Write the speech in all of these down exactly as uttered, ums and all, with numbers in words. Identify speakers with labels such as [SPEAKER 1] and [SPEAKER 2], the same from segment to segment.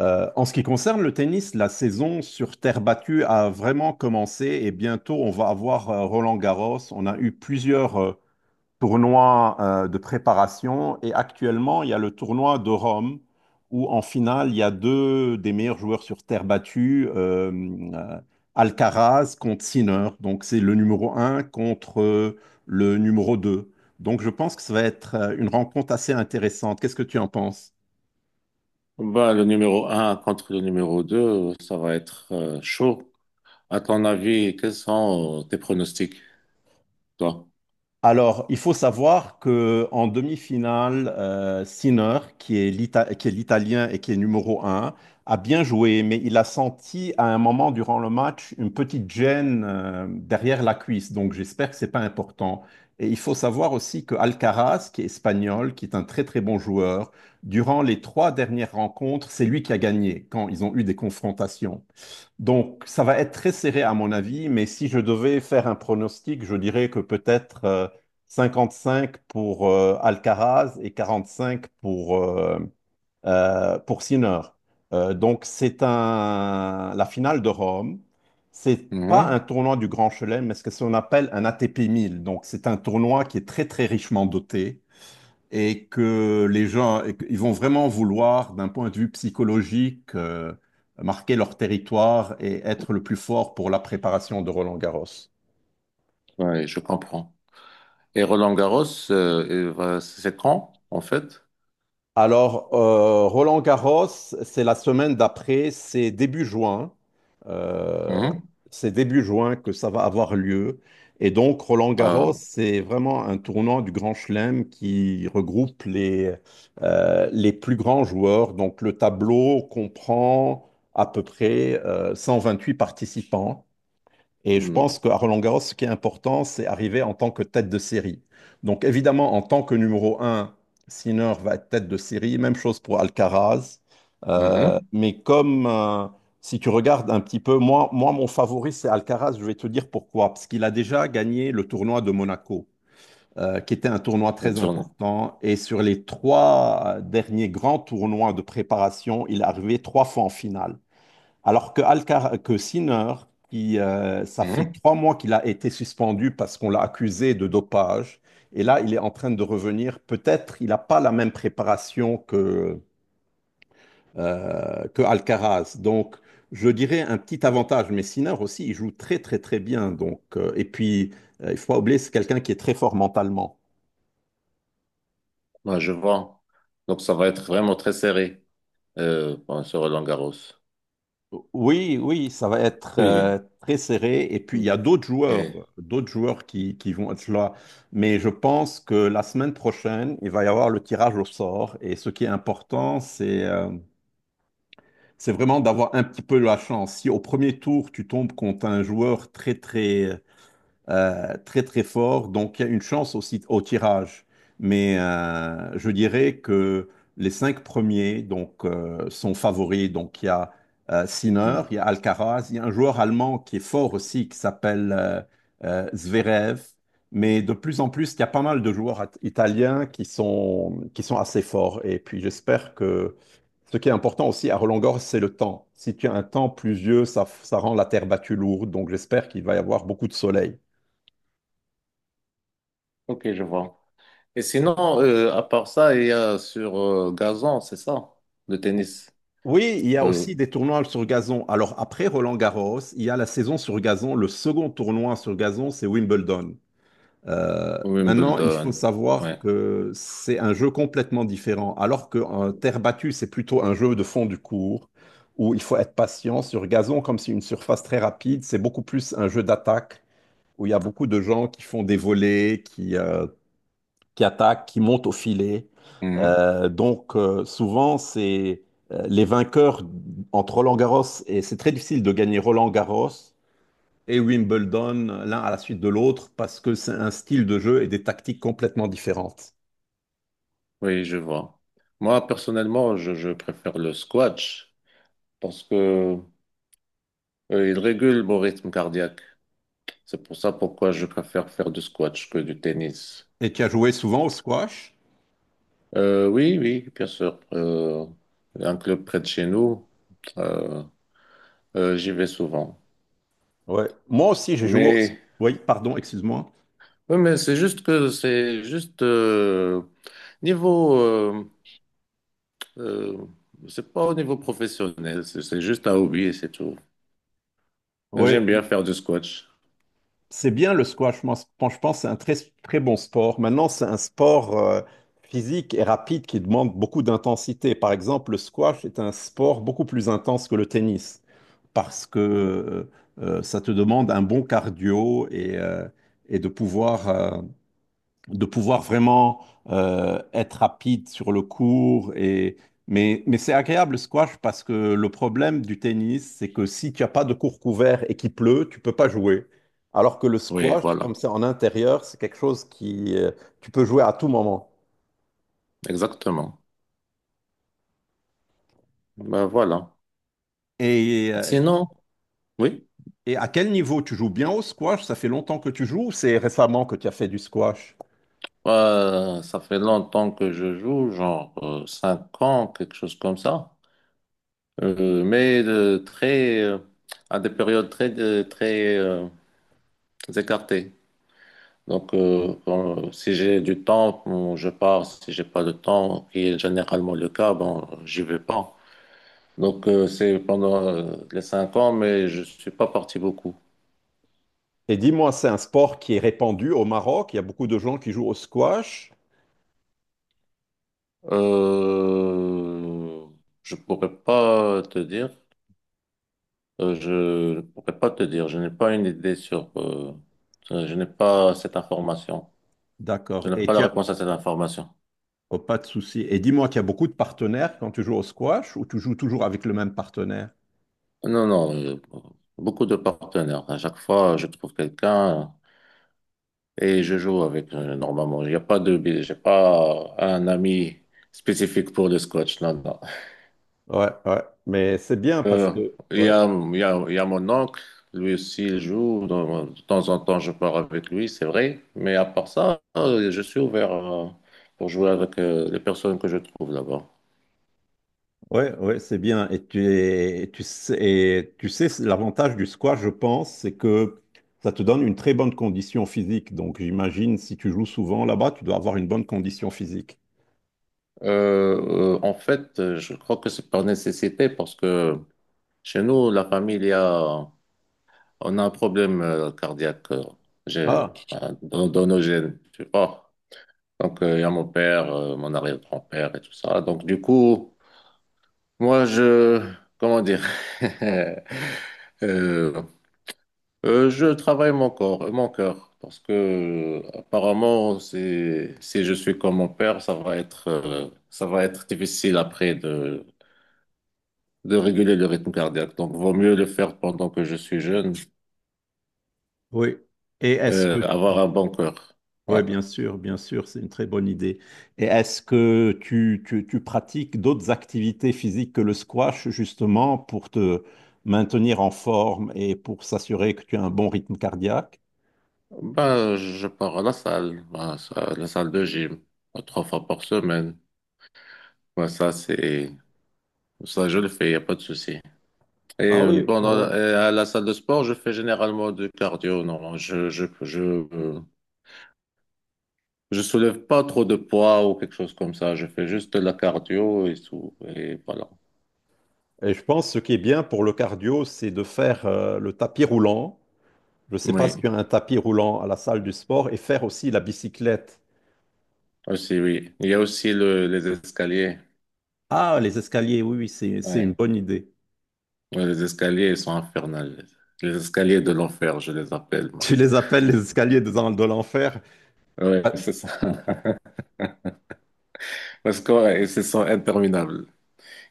[SPEAKER 1] Euh, en ce qui concerne le tennis, la saison sur terre battue a vraiment commencé et bientôt on va avoir euh, Roland-Garros. On a eu plusieurs euh, tournois euh, de préparation et actuellement il y a le tournoi de Rome où en finale il y a deux des meilleurs joueurs sur terre battue, euh, euh, Alcaraz contre Sinner. Donc c'est le numéro un contre euh, le numéro deux. Donc je pense que ça va être euh, une rencontre assez intéressante. Qu'est-ce que tu en penses?
[SPEAKER 2] Bah, le numéro un contre le numéro deux, ça va être euh, chaud. À ton avis, quels sont euh, tes pronostics, toi?
[SPEAKER 1] Alors, il faut savoir que en demi-finale, euh, Sinner, qui est l'Ita- qui est l'Italien et qui est numéro un, a bien joué, mais il a senti à un moment durant le match une petite gêne euh, derrière la cuisse. Donc, j'espère que c'est pas important. Et il faut savoir aussi que Alcaraz, qui est espagnol, qui est un très très bon joueur, durant les trois dernières rencontres, c'est lui qui a gagné quand ils ont eu des confrontations. Donc, ça va être très serré à mon avis, mais si je devais faire un pronostic, je dirais que peut-être euh, cinquante-cinq pour euh, Alcaraz et quarante-cinq pour, euh, euh, pour Sinner. Euh, donc, c'est un... la finale de Rome. C'est pas un
[SPEAKER 2] Mhm.
[SPEAKER 1] tournoi du Grand Chelem, mais ce que qu'on appelle un A T P mille. Donc, c'est un tournoi qui est très, très richement doté et que les gens, et que- ils vont vraiment vouloir, d'un point de vue psychologique, euh, marquer leur territoire et être le plus fort pour la préparation de Roland-Garros.
[SPEAKER 2] Ouais, je comprends. Et Roland Garros, euh, il va- c'est quand, en fait?
[SPEAKER 1] Alors, euh, Roland Garros, c'est la semaine d'après, c'est début juin. Euh,
[SPEAKER 2] Mhm.
[SPEAKER 1] c'est début juin que ça va avoir lieu. Et donc, Roland Garros,
[SPEAKER 2] Ah,
[SPEAKER 1] c'est vraiment un tournant du Grand Chelem qui regroupe les, euh, les plus grands joueurs. Donc, le tableau comprend à peu près euh, huit participants. Et je
[SPEAKER 2] mhm.
[SPEAKER 1] pense qu'à Roland-Garros, ce qui est important, c'est arriver en tant que tête de série. Donc évidemment, en tant que numéro un, Sinner va être tête de série. Même chose pour Alcaraz. Euh,
[SPEAKER 2] Mhm.
[SPEAKER 1] mais comme euh, si tu regardes un petit peu, moi, moi, mon favori, c'est Alcaraz. Je vais te dire pourquoi. Parce qu'il a déjà gagné le tournoi de Monaco, euh, qui était un tournoi
[SPEAKER 2] Une
[SPEAKER 1] très
[SPEAKER 2] journée.
[SPEAKER 1] important. Et sur les trois derniers grands tournois de préparation, il est arrivé trois fois en finale. Alors que, Alcar que Sinner, qui, euh, ça fait
[SPEAKER 2] Mhm.
[SPEAKER 1] trois mois qu'il a été suspendu parce qu'on l'a accusé de dopage, et là, il est en train de revenir. Peut-être il n'a pas la même préparation que, euh, que Alcaraz. Donc, je dirais un petit avantage, mais Sinner aussi, il joue très, très, très bien. Donc, euh, et puis, euh, il ne faut pas oublier, c'est quelqu'un qui est très fort mentalement.
[SPEAKER 2] Ouais, je vois. Donc, ça va être vraiment très serré euh, bon, sur Roland Garros.
[SPEAKER 1] Oui, oui, ça va être euh,
[SPEAKER 2] Oui.
[SPEAKER 1] très serré. Et puis,
[SPEAKER 2] Oui.
[SPEAKER 1] il y
[SPEAKER 2] Mm.
[SPEAKER 1] a d'autres joueurs,
[SPEAKER 2] Et-
[SPEAKER 1] d'autres joueurs qui, qui vont être là. Mais je pense que la semaine prochaine, il va y avoir le tirage au sort. Et ce qui est important, c'est euh, c'est vraiment d'avoir un petit peu la chance. Si au premier tour, tu tombes contre un joueur très, très, euh, très très fort, donc il y a une chance aussi au tirage. Mais euh, je dirais que les cinq premiers donc, euh, sont favoris. Donc il y a euh, Sinner,
[SPEAKER 2] Mm.
[SPEAKER 1] il y a Alcaraz, il y a un joueur allemand qui est fort aussi, qui s'appelle euh, euh, Zverev. Mais de plus en plus, il y a pas mal de joueurs at- italiens qui sont, qui sont assez forts. Et puis j'espère que ce qui est important aussi à Roland-Garros, c'est le temps. Si tu as un temps pluvieux, ça, ça rend la terre battue lourde. Donc j'espère qu'il va y avoir beaucoup de soleil.
[SPEAKER 2] Ok, je vois. Et sinon, euh, à part ça, il y a sur euh, gazon, c'est ça, le tennis.
[SPEAKER 1] Oui, il y a
[SPEAKER 2] Euh,
[SPEAKER 1] aussi des tournois sur gazon. Alors après Roland-Garros, il y a la saison sur gazon. Le second tournoi sur gazon, c'est Wimbledon. Euh, maintenant, il faut
[SPEAKER 2] Wimbledon,
[SPEAKER 1] savoir
[SPEAKER 2] ouais.
[SPEAKER 1] que c'est un jeu complètement différent. Alors que euh, terre battue, c'est plutôt un jeu de fond du cours où il faut être patient. Sur gazon, comme c'est une surface très rapide, c'est beaucoup plus un jeu d'attaque où il y a beaucoup de gens qui font des volées, qui euh, qui attaquent, qui montent au filet.
[SPEAKER 2] Mhm.
[SPEAKER 1] Euh, donc euh, souvent, c'est euh, les vainqueurs entre Roland-Garros, et c'est très difficile de gagner Roland-Garros et Wimbledon euh, l'un à la suite de l'autre parce que c'est un style de jeu et des tactiques complètement différentes.
[SPEAKER 2] Oui, je vois. Moi, personnellement, je, je préfère le squash parce que euh, il régule mon rythme cardiaque. C'est pour ça pourquoi je préfère faire du squash que du tennis.
[SPEAKER 1] Et tu as joué souvent au squash?
[SPEAKER 2] Euh, oui, oui, bien sûr. Euh, il y a un club près de chez nous, euh, euh, j'y vais souvent.
[SPEAKER 1] Ouais. Moi aussi, j'ai joué au...
[SPEAKER 2] Mais,
[SPEAKER 1] Oui, pardon, excuse-moi.
[SPEAKER 2] oui, mais c'est juste que c'est juste euh, niveau, euh, euh, c'est pas au niveau professionnel, c'est c'est juste un hobby et c'est tout.
[SPEAKER 1] Oui,
[SPEAKER 2] J'aime bien faire du squash.
[SPEAKER 1] c'est bien le squash, moi, je pense que c'est un très, très bon sport. Maintenant, c'est un sport euh, physique et rapide qui demande beaucoup d'intensité. Par exemple, le squash est un sport beaucoup plus intense que le tennis parce que euh, euh, ça te demande un bon cardio et, euh, et de pouvoir euh, de pouvoir vraiment euh, être rapide sur le court. Et... Mais, mais c'est agréable le squash parce que le problème du tennis, c'est que si tu n'as pas de court couvert et qu'il pleut, tu peux pas jouer. Alors que le
[SPEAKER 2] Oui,
[SPEAKER 1] squash, comme
[SPEAKER 2] voilà,
[SPEAKER 1] c'est en intérieur, c'est quelque chose qui euh, tu peux jouer à tout moment.
[SPEAKER 2] exactement. Ben voilà.
[SPEAKER 1] Et, euh,
[SPEAKER 2] Sinon, oui,
[SPEAKER 1] et à quel niveau tu joues bien au squash? Ça fait longtemps que tu joues ou c'est récemment que tu as fait du squash?
[SPEAKER 2] euh, ça fait longtemps que je joue, genre euh, cinq ans, quelque chose comme ça. Euh, mais de très, euh, à des périodes très, de- très euh, écartées. Donc, euh, quand- si j'ai du temps, bon, je pars. Si j'ai pas de temps, qui est généralement le cas, bon, j'y vais pas. Donc, euh, c'est pendant euh, les cinq ans, mais je suis pas parti beaucoup.
[SPEAKER 1] Et dis-moi, c'est un sport qui est répandu au Maroc. Il y a beaucoup de gens qui jouent au squash.
[SPEAKER 2] Euh, je pourrais pas te dire. Euh, je ne pourrais pas te dire. Je n'ai pas une idée sur. Euh, je n'ai pas cette information. Je
[SPEAKER 1] D'accord.
[SPEAKER 2] n'ai
[SPEAKER 1] Et
[SPEAKER 2] pas la
[SPEAKER 1] tu
[SPEAKER 2] réponse à cette information.
[SPEAKER 1] Oh, pas de souci. Et dis-moi, tu as beaucoup de partenaires quand tu joues au squash ou tu joues toujours avec le même partenaire?
[SPEAKER 2] Non, non. Euh, beaucoup de partenaires. À chaque fois, je trouve quelqu'un et je joue avec euh, normalement. Il n'y a pas de. J'ai pas un ami spécifique pour le squash. Non, non.
[SPEAKER 1] Ouais, ouais. Mais c'est bien parce
[SPEAKER 2] Euh,
[SPEAKER 1] que.
[SPEAKER 2] il y
[SPEAKER 1] Ouais,
[SPEAKER 2] a, il y a, il y a mon oncle, lui aussi il joue, de, de temps en temps je pars avec lui, c'est vrai, mais à part ça, euh, je suis ouvert euh, pour jouer avec euh, les personnes que je trouve là-bas.
[SPEAKER 1] ouais, ouais, c'est bien. Et tu es- tu sais, et tu sais, c'est l'avantage du squash, je pense, c'est que ça te donne une très bonne condition physique. Donc, j'imagine, si tu joues souvent là-bas, tu dois avoir une bonne condition physique.
[SPEAKER 2] Euh, euh, en fait, euh, je crois que c'est par nécessité parce que chez nous, la famille, il y a, on a un problème euh, cardiaque euh, j'ai-
[SPEAKER 1] Ah,
[SPEAKER 2] enfin, dans, dans nos gènes, tu vois. Donc, euh, il y a mon père, euh, mon arrière-grand-père et tout ça. Donc, du coup, moi, je, comment dire, Euh, euh, je travaille mon corps, mon cœur, parce que euh, apparemment, c'est, si je suis comme mon père, ça va être, euh, ça va être difficile après de, de réguler le rythme cardiaque. Donc, vaut mieux le faire pendant que je suis jeune,
[SPEAKER 1] oui. Et est-ce que.
[SPEAKER 2] euh, avoir un bon cœur.
[SPEAKER 1] Oui,
[SPEAKER 2] Ouais.
[SPEAKER 1] bien sûr, bien sûr, c'est une très bonne idée. Et est-ce que tu, tu, tu pratiques d'autres activités physiques que le squash, justement, pour te maintenir en forme et pour s'assurer que tu as un bon rythme cardiaque?
[SPEAKER 2] Ben, je pars à la salle, ben, ça- la salle de gym, euh, trois fois par semaine. Ben, ça, c'est, ça, je le fais, il n'y a pas de souci. Et
[SPEAKER 1] Ah
[SPEAKER 2] euh,
[SPEAKER 1] oui. euh,
[SPEAKER 2] pendant, et à la salle de sport, je fais généralement du cardio. Non, je, je, je, euh, je soulève pas trop de poids ou quelque chose comme ça. Je fais juste de la cardio et tout. Et voilà.
[SPEAKER 1] Et je pense que ce qui est bien pour le cardio, c'est de faire euh, le tapis roulant. Je ne sais pas si
[SPEAKER 2] Oui,
[SPEAKER 1] tu as un tapis roulant à la salle du sport et faire aussi la bicyclette.
[SPEAKER 2] aussi, oui. Il y a aussi le, les escaliers.
[SPEAKER 1] Ah, les escaliers, oui, oui, c'est, c'est
[SPEAKER 2] Ouais.
[SPEAKER 1] une bonne idée.
[SPEAKER 2] Ouais, les escaliers, ils sont infernales. Les escaliers de l'enfer, je les appelle, moi.
[SPEAKER 1] Tu les appelles les escaliers de, de l'enfer?
[SPEAKER 2] Oui,
[SPEAKER 1] Ah,
[SPEAKER 2] c'est ça. Parce que, ouais, ils sont interminables.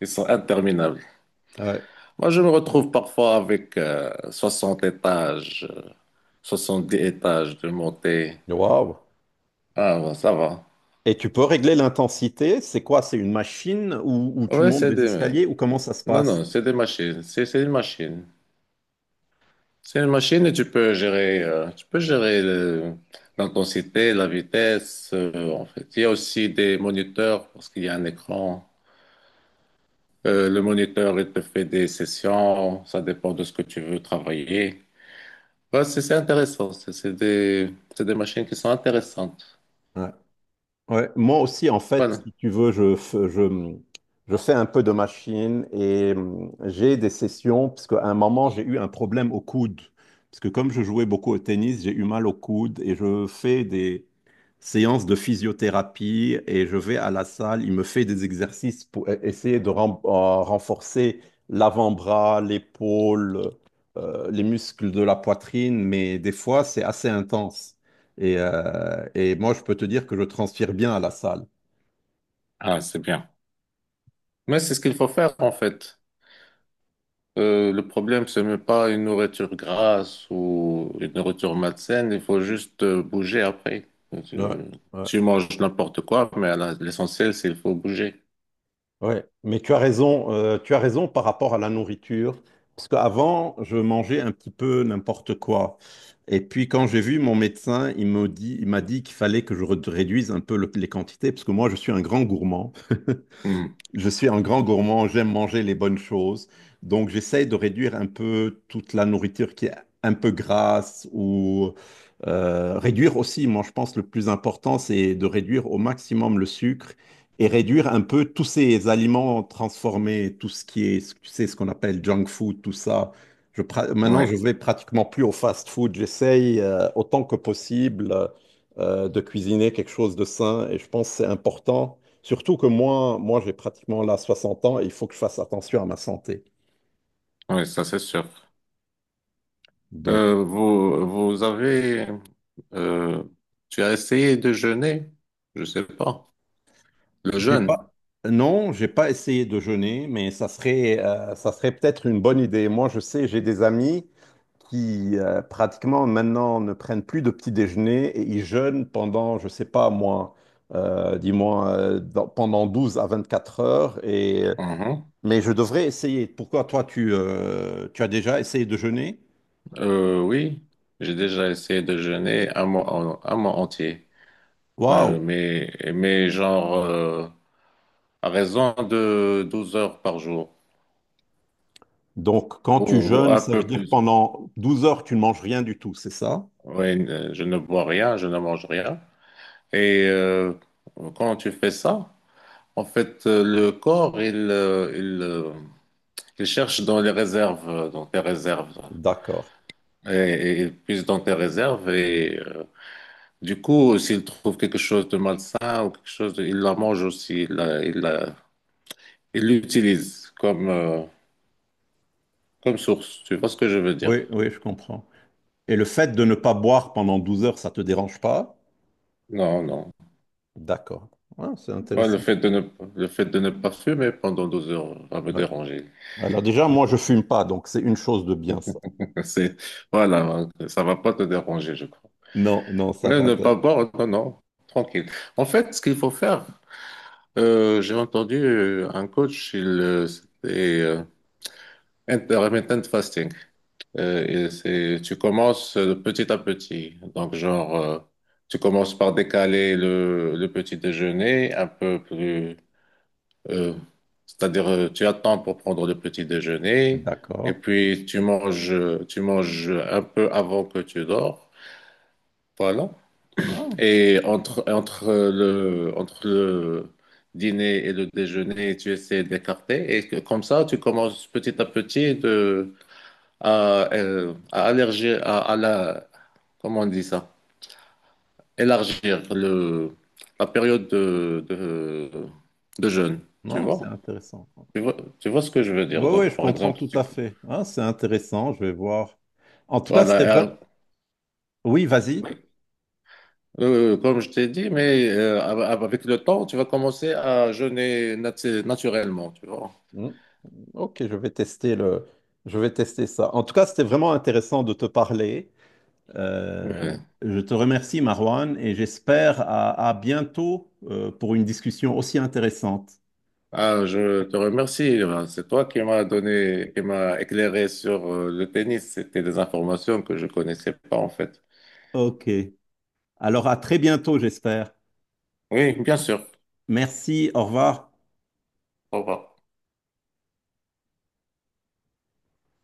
[SPEAKER 2] Ils sont interminables.
[SPEAKER 1] ouais.
[SPEAKER 2] Moi, je me retrouve parfois avec euh, soixante étages. euh, soixante-dix étages de montée.
[SPEAKER 1] Waouh!
[SPEAKER 2] Ah, bon, ça va.
[SPEAKER 1] Et tu peux régler l'intensité. C'est quoi? C'est une machine où, où tu
[SPEAKER 2] Ouais,
[SPEAKER 1] montes
[SPEAKER 2] c'est
[SPEAKER 1] des
[SPEAKER 2] des...
[SPEAKER 1] escaliers ou comment ça se
[SPEAKER 2] Non,
[SPEAKER 1] passe?
[SPEAKER 2] non, c'est des machines. C'est c'est une machine. C'est une machine et tu peux gérer, euh, tu peux gérer le- l'intensité, la vitesse. Euh, en fait, il y a aussi des moniteurs parce qu'il y a un écran. Euh, le moniteur, il te fait des sessions. Ça dépend de ce que tu veux travailler. Ouais, c'est c'est intéressant. C'est c'est des, c'est des machines qui sont intéressantes.
[SPEAKER 1] Ouais. Ouais, moi aussi, en fait,
[SPEAKER 2] Voilà.
[SPEAKER 1] si tu veux, je, f- je, je fais un peu de machine et hum, j'ai des sessions, parce qu'à un moment, j'ai eu un problème au coude. Parce que comme je jouais beaucoup au tennis, j'ai eu mal au coude et je fais des séances de physiothérapie et je vais à la salle, il me fait des exercices pour e- essayer de ren- euh, renforcer l'avant-bras, l'épaule, euh, les muscles de la poitrine, mais des fois, c'est assez intense. Et euh, et moi, je peux te dire que je transpire bien à la salle.
[SPEAKER 2] Ah, c'est bien. Mais c'est ce qu'il faut faire, en fait. Euh, le problème, c'est même pas une nourriture grasse ou une nourriture malsaine, il faut juste euh, bouger après. Tu,
[SPEAKER 1] Ouais, ouais,
[SPEAKER 2] tu manges n'importe quoi, mais à la- l'essentiel, c'est qu'il faut bouger.
[SPEAKER 1] ouais. Mais tu as raison, euh, tu as raison par rapport à la nourriture. Parce qu'avant, je mangeais un petit peu n'importe quoi. Et puis, quand j'ai vu mon médecin, il me dit, il m'a dit qu'il fallait que je re- réduise un peu le- les quantités, parce que moi, je suis un grand gourmand.
[SPEAKER 2] Hmm.
[SPEAKER 1] Je suis un grand gourmand, j'aime manger les bonnes choses. Donc, j'essaye de réduire un peu toute la nourriture qui est un peu grasse ou euh, réduire aussi, moi, je pense, le plus important, c'est de réduire au maximum le sucre et réduire un peu tous ces aliments transformés, tout ce qui est, tu sais, ce qu'on appelle junk food, tout ça. Je, pra- maintenant, je
[SPEAKER 2] Ouais,
[SPEAKER 1] vais pratiquement plus au fast food. J'essaye euh, autant que possible euh, de cuisiner quelque chose de sain et je pense que c'est important. Surtout que moi, moi j'ai pratiquement là soixante ans et il faut que je fasse attention à ma santé.
[SPEAKER 2] ouais, ça c'est sûr.
[SPEAKER 1] Donc,
[SPEAKER 2] Euh, vous, vous avez, euh, Tu as essayé de jeûner? Je sais pas. Le
[SPEAKER 1] j'ai
[SPEAKER 2] jeûne?
[SPEAKER 1] pas... Non, j'ai pas essayé de jeûner, mais ça serait, euh, ça serait peut-être une bonne idée. Moi, je sais, j'ai des amis qui euh, pratiquement maintenant ne prennent plus de petit déjeuner et ils jeûnent pendant, je sais pas moi, euh, dis-moi, euh, dans- pendant douze à vingt-quatre heures. Et...
[SPEAKER 2] Mhm.
[SPEAKER 1] Mais je devrais essayer. Pourquoi toi, tu, euh, tu as déjà essayé de jeûner?
[SPEAKER 2] Euh, oui, j'ai déjà essayé de jeûner un mois, en- un mois entier.
[SPEAKER 1] Waouh!
[SPEAKER 2] Euh, mais, mais genre euh, à raison de douze heures par jour,
[SPEAKER 1] Donc, quand
[SPEAKER 2] ou,
[SPEAKER 1] tu
[SPEAKER 2] ou
[SPEAKER 1] jeûnes,
[SPEAKER 2] un
[SPEAKER 1] ça veut
[SPEAKER 2] peu
[SPEAKER 1] dire
[SPEAKER 2] plus.
[SPEAKER 1] pendant douze heures, tu ne manges rien du tout, c'est ça?
[SPEAKER 2] Oui, ne- je ne bois rien, je ne mange rien. Et euh, quand tu fais ça, en fait, euh, le corps, il, euh, il, euh, il cherche dans les réserves, euh, dans tes réserves,
[SPEAKER 1] D'accord.
[SPEAKER 2] et, et il puise dans tes réserves. Du coup, s'il trouve quelque chose de malsain ou quelque chose, de- il la mange aussi, il la- il la- il l'utilise comme, euh, comme source. Tu vois ce que je veux dire?
[SPEAKER 1] Oui, oui, je comprends. Et le fait de ne pas boire pendant douze heures, ça te dérange pas?
[SPEAKER 2] Non, non.
[SPEAKER 1] D'accord. Ah, c'est
[SPEAKER 2] Moi, le
[SPEAKER 1] intéressant.
[SPEAKER 2] fait de ne, le fait de ne pas fumer pendant douze heures va me
[SPEAKER 1] Ouais.
[SPEAKER 2] déranger.
[SPEAKER 1] Alors déjà, moi, je fume pas, donc c'est une chose de bien, ça.
[SPEAKER 2] C'est, voilà, ça va pas te déranger, je crois.
[SPEAKER 1] Non, non, ça
[SPEAKER 2] Mais
[SPEAKER 1] va.
[SPEAKER 2] ne
[SPEAKER 1] t'as-
[SPEAKER 2] pas boire, non, non, tranquille. En fait, ce qu'il faut faire, euh, j'ai entendu euh, un coach, il, euh, c'était euh, intermittent fasting. Euh, et c'est, tu commences euh, petit à petit. Donc, genre, euh, tu commences par décaler le, le petit déjeuner un peu plus. euh, C'est-à-dire, euh, tu attends pour prendre le petit déjeuner et
[SPEAKER 1] D'accord.
[SPEAKER 2] puis tu manges, tu manges un peu avant que tu dors. Voilà.
[SPEAKER 1] Ah,
[SPEAKER 2] Et entre, entre le, entre le dîner et le déjeuner, tu essaies d'écarter. Et que- comme ça, tu commences petit à petit de, à, euh, à allerger, à, à la, comment on dit ça? Élargir le, la période de, de, de jeûne, tu
[SPEAKER 1] non, c'est
[SPEAKER 2] vois?
[SPEAKER 1] intéressant.
[SPEAKER 2] Tu vois, tu vois ce que je veux dire.
[SPEAKER 1] Oui, oui,
[SPEAKER 2] Donc,
[SPEAKER 1] je
[SPEAKER 2] par
[SPEAKER 1] comprends
[SPEAKER 2] exemple,
[SPEAKER 1] tout
[SPEAKER 2] tu,
[SPEAKER 1] à
[SPEAKER 2] peux-
[SPEAKER 1] fait. Ah, c'est intéressant, je vais voir. En tout cas,
[SPEAKER 2] voilà,
[SPEAKER 1] c'était...
[SPEAKER 2] euh,
[SPEAKER 1] vra- Oui, vas-y.
[SPEAKER 2] euh, comme je t'ai dit, mais euh, av- avec le temps, tu vas commencer à jeûner nat- naturellement, tu vois?
[SPEAKER 1] Ok, je vais tester le, je vais tester ça. En tout cas, c'était vraiment intéressant de te parler. Euh,
[SPEAKER 2] Ouais.
[SPEAKER 1] je te remercie, Marwan, et j'espère à, à bientôt euh, pour une discussion aussi intéressante.
[SPEAKER 2] Ah, je te remercie. Ben, c'est toi qui m'as donné, qui m'a éclairé sur euh, le tennis. C'était des informations que je connaissais pas, en fait.
[SPEAKER 1] Ok. Alors à très bientôt, j'espère.
[SPEAKER 2] Oui, bien sûr.
[SPEAKER 1] Merci, au revoir.
[SPEAKER 2] Au revoir.